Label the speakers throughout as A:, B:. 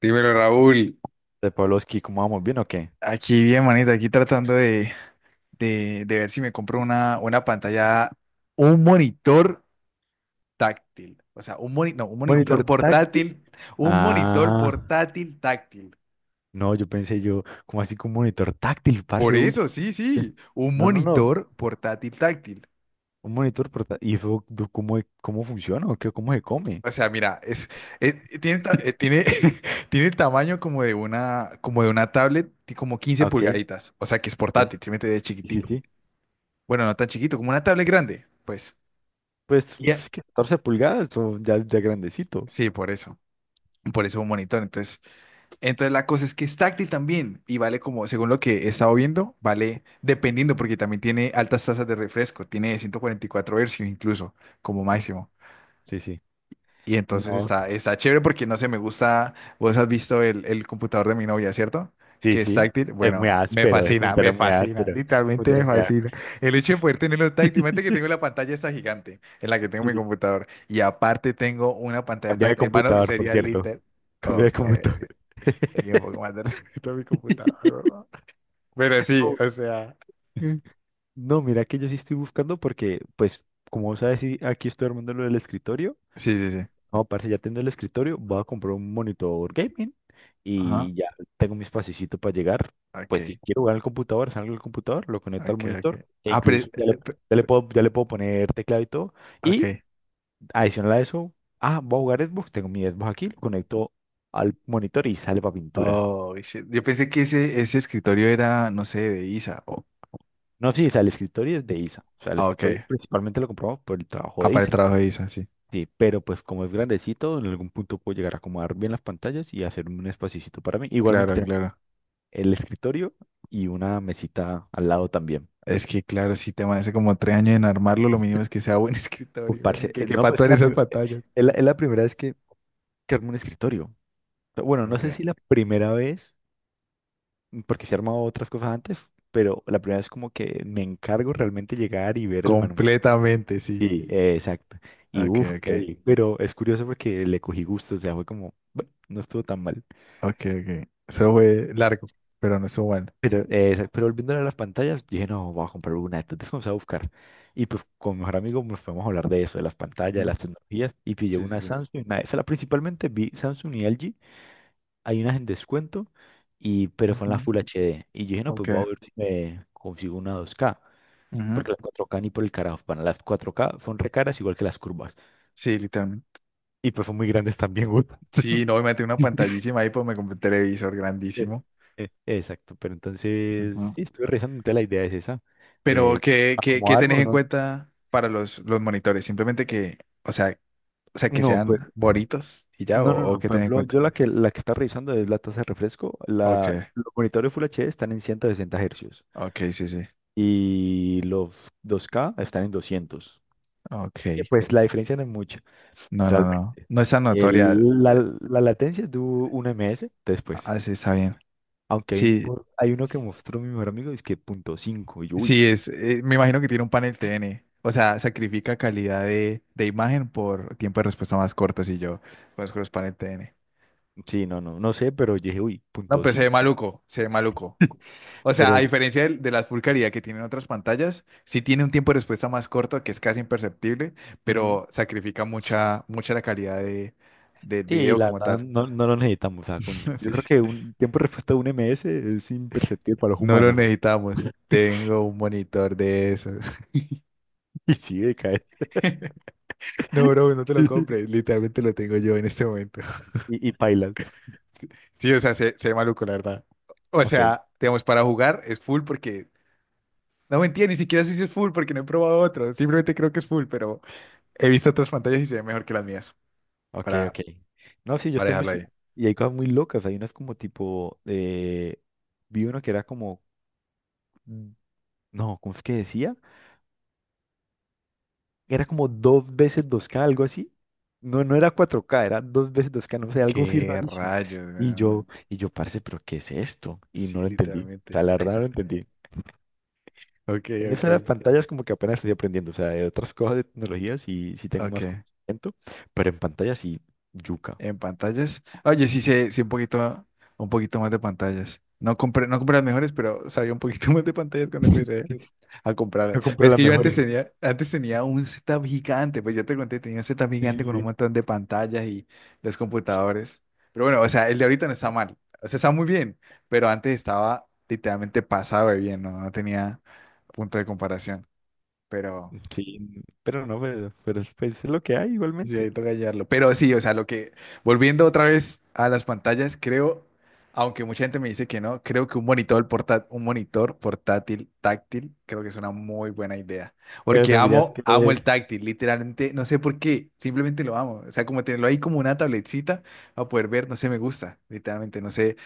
A: Dímelo, Raúl.
B: De Pavlovsky, ¿cómo vamos? ¿Bien o qué?
A: Aquí bien, manito, aquí tratando de ver si me compro una pantalla, un monitor táctil. O sea, un moni, no,
B: Monitor táctil.
A: un monitor
B: Ah,
A: portátil táctil.
B: no, yo pensé yo, ¿cómo así que un monitor táctil,
A: Por
B: parce? Uy,
A: eso, sí, sí, un
B: no, no, no,
A: monitor portátil táctil.
B: un monitor portátil. ¿Y eso, cómo, cómo funciona o qué, cómo se come?
A: O sea, mira, es- tiene, ta- eh, tiene, tiene el tamaño como de una tablet, y como quince
B: Ah, ok,
A: pulgaditas. O sea, que es
B: ok,
A: portátil, se mete de
B: sí, sí,
A: chiquitico.
B: sí.
A: Bueno, no tan chiquito, como una tablet grande, pues.
B: Pues uf, es que 14 pulgadas, o ya, ya grandecito.
A: Sí, por eso. Por eso un monitor. Entonces, la cosa es que es táctil también y vale como, según lo que he estado viendo, vale dependiendo porque también tiene altas tasas de refresco. Tiene 144 Hz incluso como
B: Mm,
A: máximo.
B: sí, sí.
A: Y entonces
B: No,
A: está chévere porque no sé, me gusta. Vos has visto el computador de mi novia, ¿cierto?
B: sí,
A: Que es
B: sí.
A: táctil.
B: Es muy
A: Bueno,
B: áspero, ese
A: me
B: computador es muy
A: fascina,
B: áspero.
A: literalmente me
B: Computador muy
A: fascina.
B: áspero.
A: El hecho de poder tenerlo táctil. Imagínate que tengo la pantalla esta gigante en la que tengo mi
B: Sí.
A: computador. Y aparte tengo una pantalla
B: Cambié de
A: táctil. Mano,
B: computador, por
A: sería
B: cierto.
A: literal.
B: Cambié de
A: Ok,
B: computador.
A: tenía un poco más de respeto a mi computador, ¿no? Pero sí, o sea.
B: No. No, mira que yo sí estoy buscando porque, pues, como vos sabes, sí, aquí estoy armando lo del escritorio.
A: Sí, sí, sí.
B: No, parece ya tengo el escritorio, voy a comprar un monitor gaming
A: Ajá.
B: y ya tengo mi espacito para llegar. Pues si
A: Ok,
B: quiero jugar al computador, salgo del computador, lo conecto al
A: ok,
B: monitor
A: ok.
B: e
A: Ah,
B: incluso ya le,
A: pe-
B: ya le puedo, ya le puedo poner teclado y todo. Y
A: ok.
B: adicional a eso, voy a jugar Xbox, tengo mi Xbox aquí, lo conecto al monitor y sale para pintura.
A: Oh, shit. Yo pensé que ese escritorio era, no sé, de Isa.
B: No, sí, o sea, el escritorio es de Isa. O sea, el
A: Ah, ok.
B: escritorio principalmente lo compramos por el trabajo
A: Ah,
B: de
A: para el
B: Isa.
A: trabajo de Isa, sí.
B: Sí, pero pues como es grandecito, en algún punto puedo llegar a acomodar bien las pantallas y hacer un espacito para mí. Igualmente
A: Claro,
B: tengo
A: claro.
B: el escritorio y una mesita al lado también.
A: Es que, claro, si te hace como 3 años en armarlo, lo mínimo es que sea buen
B: Uf,
A: escritorio, güey,
B: parce,
A: que
B: no,
A: quepa
B: pues es
A: todas
B: la,
A: esas
B: prim-
A: pantallas.
B: es la, es la primera vez que armo un escritorio. Pero bueno, no
A: Ok.
B: sé si la primera vez, porque se he armado otras cosas antes, pero la primera vez como que me encargo realmente llegar y ver el manual.
A: Completamente, sí.
B: Sí, exacto. Y
A: Ok,
B: uff,
A: ok.
B: pero es curioso porque le cogí gusto, o sea, fue como, bueno, no estuvo tan mal.
A: Ok, ok. Eso fue largo, pero no estuvo bueno.
B: Pero, exacto, pero volviendo a las pantallas, dije, no, voy a comprar una de estas, entonces vamos a buscar. Y pues con mi mejor amigo nos podemos hablar de eso, de las pantallas, de
A: Ujú.
B: las tecnologías, y pillé
A: Sí,
B: una de
A: sí, sí.
B: Samsung, una de Sala, principalmente vi Samsung y LG, hay unas en descuento, y, pero son las
A: Ujú.
B: Full HD. Y yo dije, no,
A: Ok.
B: pues voy a ver si me consigo una 2K,
A: Ujú.
B: porque las 4K ni por el carajo, van las 4K son re caras igual que las curvas,
A: Sí, literalmente.
B: y pues son muy grandes también, güey.
A: Sí, no, me metí una pantallísima ahí, pues me compré un televisor
B: Eh,
A: grandísimo.
B: Exacto, pero entonces,
A: Ujú.
B: sí, estuve revisando, entonces la idea es esa,
A: Pero,
B: eh,
A: ¿qué
B: acomodarme
A: tenés
B: o
A: en
B: no.
A: cuenta para los monitores? Simplemente que, o sea, o sea, que
B: No, pues,
A: sean bonitos y ya, o,
B: no, no, no.
A: o qué
B: Por
A: tenés en
B: ejemplo,
A: cuenta.
B: yo la que está revisando es la tasa de refresco.
A: Ok,
B: Los monitores Full HD están en 160 Hz
A: ok, sí, sí.
B: y los 2K están en 200.
A: Ok.
B: Y pues la diferencia no es mucha,
A: No, no, no.
B: realmente.
A: No es tan notoria.
B: El- la, la latencia es de un ms después.
A: Ah, sí, está bien.
B: Aunque hay, un,
A: Sí,
B: por- hay uno que mostró mi mejor amigo, es que punto .5. Y yo, uy,
A: sí, es. Me imagino que tiene un panel T N. O sea, sacrifica calidad de imagen por tiempo de respuesta más corto si yo conozco los panel T N.
B: sí, no, no, no sé, pero yo dije, uy,
A: No,
B: punto
A: pues se ve
B: .5.
A: maluco, se ve maluco. O sea, a
B: Pero,
A: diferencia de la Full calidad que tienen otras pantallas, sí tiene un tiempo de respuesta más corto que es casi imperceptible,
B: ujú,
A: pero sacrifica mucha, mucha la calidad del
B: sí,
A: video
B: la
A: como
B: verdad
A: tal.
B: no lo necesitamos. O sea, yo
A: Sí.
B: creo que un tiempo de respuesta de un MS es imperceptible para los
A: No lo
B: humanos. O sea,
A: necesitamos. Tengo un monitor de esos.
B: y sí, decae.
A: No, bro, no te lo compres. Literalmente lo tengo yo en este momento.
B: Y pailas.
A: Sí, o sea, se ve maluco, la verdad. O
B: Ok,
A: sea, digamos, para jugar es full porque... No mentira, ni siquiera sé si es full porque no he probado otro. Simplemente creo que es full, pero he visto otras pantallas y se ve mejor que las mías.
B: ok,
A: Para,
B: ok. No, sí, yo
A: para
B: estaba
A: dejarlo ahí.
B: investigando. Y hay cosas muy locas. Hay unas como tipo, vi uno que era como, mm, no, ¿cómo es que decía? Era como dos veces dos k algo así. No, no era cuatro k era dos veces dos k no sé, algo así
A: Qué
B: rarísimo.
A: rayos, weón.
B: Parce, ¿pero qué es esto? Y no
A: Sí,
B: lo entendí. O
A: literalmente.
B: sea, la verdad no lo entendí.
A: Ok,
B: En
A: ok,
B: eso de las pantallas como que apenas estoy aprendiendo, o sea, de otras cosas de tecnología sí, sí tengo
A: ok.
B: más conocimiento, pero en pantalla sí, yuca.
A: En pantallas. Oye, sí sé, sí, un poquito más de pantallas. No compré las mejores, pero sabía un poquito más de pantallas cuando empecé a comprarlas.
B: No
A: Pero
B: compré
A: es
B: las
A: que yo antes
B: mejores.
A: tenía, antes tenía un setup gigante, pues ya te conté, tenía un setup
B: Sí,
A: gigante
B: sí,
A: con un
B: sí.
A: montón de pantallas y los computadores. Pero bueno, o sea, el de ahorita no está mal. O sea, está muy bien, pero antes estaba literalmente pasado de bien, ¿no? No tenía punto de comparación. Pero
B: Sí, pero no, pero pues, es lo que hay
A: sí,
B: igualmente.
A: ahí toca hallarlo. Pero sí, o sea, lo que, volviendo otra vez a las pantallas, creo, aunque mucha gente me dice que no, creo que un monitor portátil táctil, creo que es una muy buena idea.
B: Pero
A: Porque
B: tendrías
A: amo,
B: que...
A: amo el táctil, literalmente, no sé por qué, simplemente lo amo. O sea, como tenerlo ahí como una tabletcita a poder ver, no sé, me gusta, literalmente, no sé,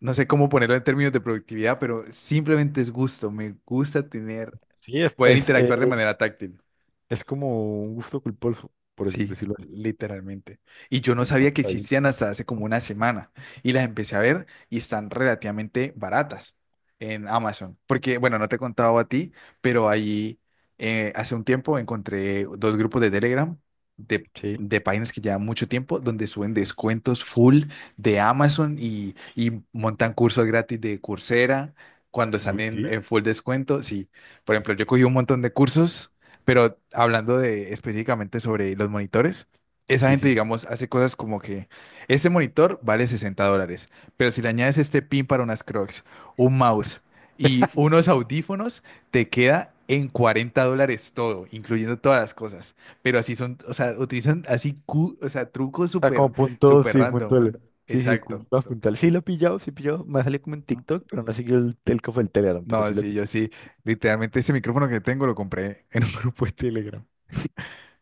A: no sé cómo ponerlo en términos de productividad, pero simplemente es gusto, me gusta tener,
B: Sí, es,
A: poder
B: es, eh,
A: interactuar de manera táctil.
B: es como un gusto culposo, por
A: Sí,
B: decirlo así.
A: literalmente. Y yo no
B: Ah,
A: sabía que
B: está bien.
A: existían hasta hace como una semana. Y las empecé a ver y están relativamente baratas en Amazon. Porque, bueno, no te he contado a ti, pero ahí hace un tiempo encontré dos grupos de Telegram de,
B: Sí,
A: de páginas que llevan mucho tiempo donde suben descuentos full de Amazon y montan cursos gratis de Coursera cuando están
B: uy,
A: en,
B: sí,
A: en full descuento. Sí, por ejemplo, yo cogí un montón de cursos. Pero hablando de específicamente sobre los monitores, esa
B: sí,
A: gente,
B: sí.
A: digamos, hace cosas como que este monitor vale $60, pero si le añades este pin para unas Crocs, un mouse y unos audífonos, te queda en $40 todo, incluyendo todas las cosas. Pero así son, o sea, utilizan así, o sea, trucos
B: Está
A: súper,
B: como punto,
A: súper
B: sí,
A: random.
B: punto L. Sí, sí,
A: Exacto.
B: punto puntual. Sí lo he pillado, sí he pillado. Me salió como en TikTok, pero no he seguido el telco del Telegram, pero
A: No,
B: sí lo he
A: sí, yo sí, literalmente este micrófono que tengo lo compré en un grupo de Telegram.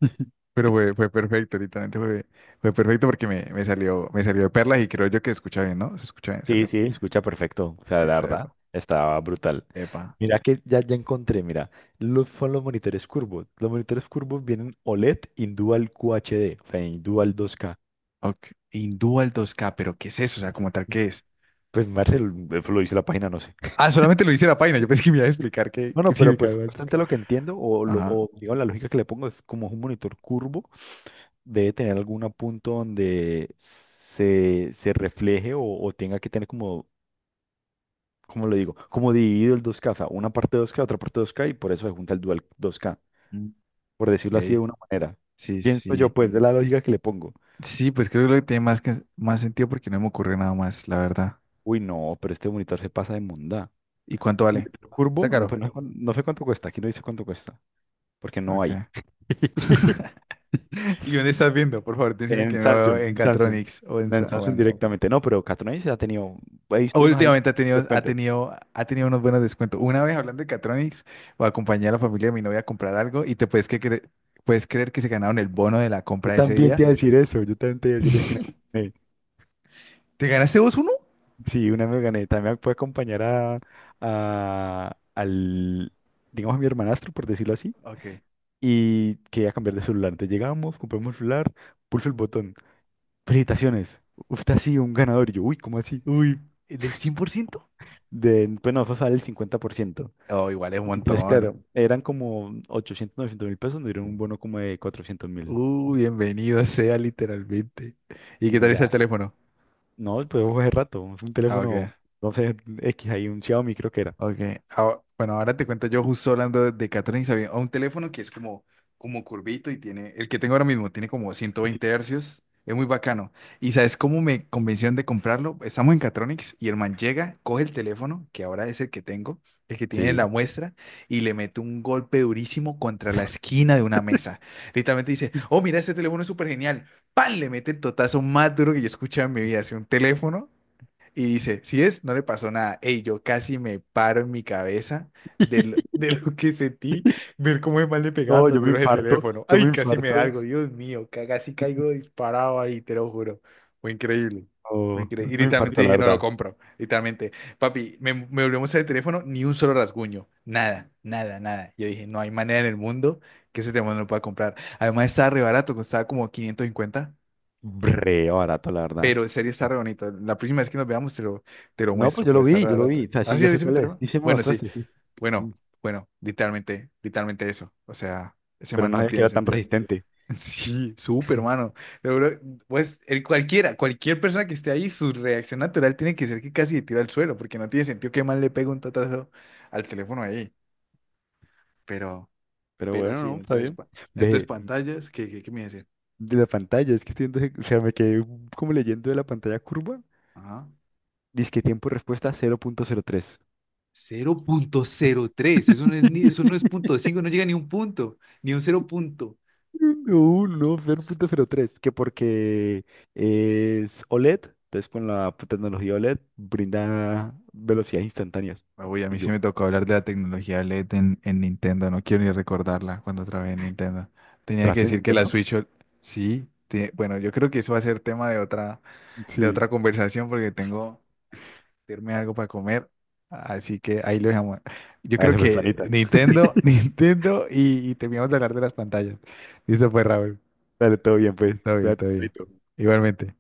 B: pillado.
A: Pero fue perfecto, literalmente fue perfecto porque me salió de perlas y creo yo que se escucha bien, ¿no? Se escucha bien,
B: Sí,
A: ¿cierto?
B: sí, escucha perfecto. O sea, la
A: Listo,
B: verdad,
A: epa,
B: estaba brutal.
A: epa.
B: Mira que ya, ya encontré, mira, son los monitores curvos. Los monitores curvos vienen OLED in Dual QHD, o sea, in Dual 2K.
A: Ok. Hindú al 2K, pero ¿qué es eso? O sea, como tal, ¿qué es?
B: Pues Marcel, eso lo dice la página, no sé.
A: Ah, solamente lo dice la página. Yo pensé que me iba a explicar qué
B: Bueno, pero
A: significa
B: pues
A: Hindú al 2K.
B: bastante lo que entiendo,
A: Ajá.
B: o digamos, la lógica que le pongo es como es un monitor curvo, debe tener algún punto donde se refleje o tenga que tener como, como lo digo, como dividido el 2K, o sea, una parte 2K, otra parte 2K, y por eso se junta el Dual 2K.
A: Mm,
B: Por decirlo así de
A: ok.
B: una manera.
A: Sí,
B: Pienso yo,
A: sí.
B: pues, de la lógica que le pongo.
A: Sí, pues creo que lo que tiene más sentido porque no me ocurre nada más, la verdad.
B: Uy, no, pero este monitor se pasa de mondá.
A: ¿Y cuánto vale?
B: Monitor
A: ¿Está
B: curvo, no, pues,
A: caro?
B: no sé cuánto cuesta, aquí no dice cuánto cuesta, porque no
A: Ok.
B: hay.
A: ¿Y dónde estás viendo? Por favor, decime que
B: En
A: no
B: Samsung,
A: en
B: en Samsung.
A: Catronics o en...
B: No, en Samsung
A: Bueno.
B: directamente. No, pero Catonais ha tenido, he visto unos ahí.
A: Últimamente ha
B: Te
A: tenido, ha
B: cuente.
A: tenido, ha tenido unos buenos descuentos. Una vez hablando de Catronics, acompañé a la familia de mi novia a comprar algo y te puedes, que cre- puedes creer que se ganaron el bono de la
B: Yo
A: compra de ese
B: también te
A: día.
B: iba a decir eso, yo también te iba a decir eso. Que una vez me gané.
A: ¿Te ganaste vos uno?
B: Sí, una vez me gané. También puede acompañar a, a- al, digamos, a mi hermanastro, por decirlo así
A: Ok.
B: y quería cambiar de celular. Entonces llegamos, compramos el celular, pulso el botón. Felicitaciones, usted ha sido un ganador. Y yo, uy, ¿cómo así?
A: Uy, ¿el del 100%?
B: De, pues no, fue sale el 50%.
A: Oh, igual es un
B: Y pues claro,
A: montón.
B: eran como 800 900 mil pesos, nos dieron un bono como de 400.000.
A: Uy, bienvenido sea literalmente. ¿Y qué
B: Y
A: tal está el
B: ya,
A: teléfono?
B: no, pues fue hace rato, es un
A: Ah,
B: teléfono,
A: ok.
B: no sé, X, ahí un Xiaomi creo que era.
A: Ok, ah, bueno, ahora te cuento yo justo hablando de Catherine Sabine, a un teléfono que es como curvito y tiene, el que tengo ahora mismo tiene como ciento
B: Y sí.
A: veinte hercios, es muy bacano. ¿Y sabes cómo me convencieron de comprarlo? Estamos en Catronics y el man llega, coge el teléfono, que ahora es el que tengo, el que tiene en la
B: Sí.
A: muestra, y le mete un golpe durísimo contra la esquina de una mesa. Literalmente dice, oh, mira, este teléfono es súper genial. Pan. Le mete el totazo más duro que yo he escuchado en mi vida. Hace un teléfono y dice, no le pasó nada. Ey, yo casi me paro en mi cabeza de lo que sentí, ver cómo es mal le pegaba
B: No,
A: tan
B: yo me
A: duro ese
B: infarto,
A: teléfono.
B: yo me
A: Ay, casi me
B: infarto.
A: da algo, Dios mío, casi caigo disparado ahí, te lo juro. Fue increíble.
B: Oh,
A: Y
B: me
A: literalmente
B: infarto, la
A: dije, no lo
B: verdad.
A: compro. Literalmente, papi, me volvió a mostrar el teléfono, ni un solo rasguño. Nada, nada, nada. Yo dije, no hay manera en el mundo que ese teléfono no lo pueda comprar. Además, estaba re barato, costaba como 550,
B: Re barato, la verdad.
A: pero en serio está re bonito. La próxima vez que nos veamos te lo
B: No, pues
A: muestro,
B: yo
A: pero
B: lo
A: está
B: vi,
A: re
B: yo lo vi.
A: barata.
B: O sea,
A: ¿Ah,
B: sí,
A: sí,
B: yo sé
A: viste mi
B: cuál es.
A: teléfono?
B: Sí, sí me lo
A: Bueno, sí.
B: mostraste, sí. Mm.
A: Bueno, bueno, literalmente, literalmente eso. O sea, ese
B: Pero
A: man
B: no
A: no
B: sabía que
A: tiene
B: era tan
A: sentido.
B: resistente.
A: Sí, súper, mano. Seguro, pues cualquier persona que esté ahí, su reacción natural tiene que ser que casi le tira al suelo, porque no tiene sentido que mal le pegue un tatazo al teléfono ahí. Pero,
B: Pero
A: pero
B: bueno,
A: sí,
B: no, está
A: entonces,
B: bien.
A: entonces
B: Ve,
A: pantallas, ¿qué me iba a decir?
B: de la pantalla, es que o sea, me quedé como leyendo de la pantalla curva.
A: Ajá.
B: Dice que tiempo de respuesta 0.03.
A: Cero punto cero tres, eso no es ni, eso no es punto cinco, no llega ni un punto, ni un cero punto.
B: No, no, 0.03. Que porque es OLED, entonces con la tecnología OLED brinda velocidades instantáneas.
A: Ah, uy, a
B: Y
A: mí sí
B: yo,
A: me tocó hablar de la tecnología LED en Nintendo. No quiero ni recordarla cuando trabajé en Nintendo. Tenía que
B: tras de
A: decir que la
B: Nintendo.
A: Switch, OL- sí. Bueno, yo creo que eso va a ser tema de otra,
B: Sí,
A: conversación porque tengo que irme algo para comer. Así que ahí lo dejamos. Yo
B: a
A: creo
B: la
A: que
B: personita.
A: Nintendo, Nintendo y terminamos de hablar de las pantallas. Listo, pues, Raúl.
B: Dale, todo bien, pues.
A: Todo bien,
B: Cuídate,
A: todo bien.
B: Pablito.
A: Igualmente.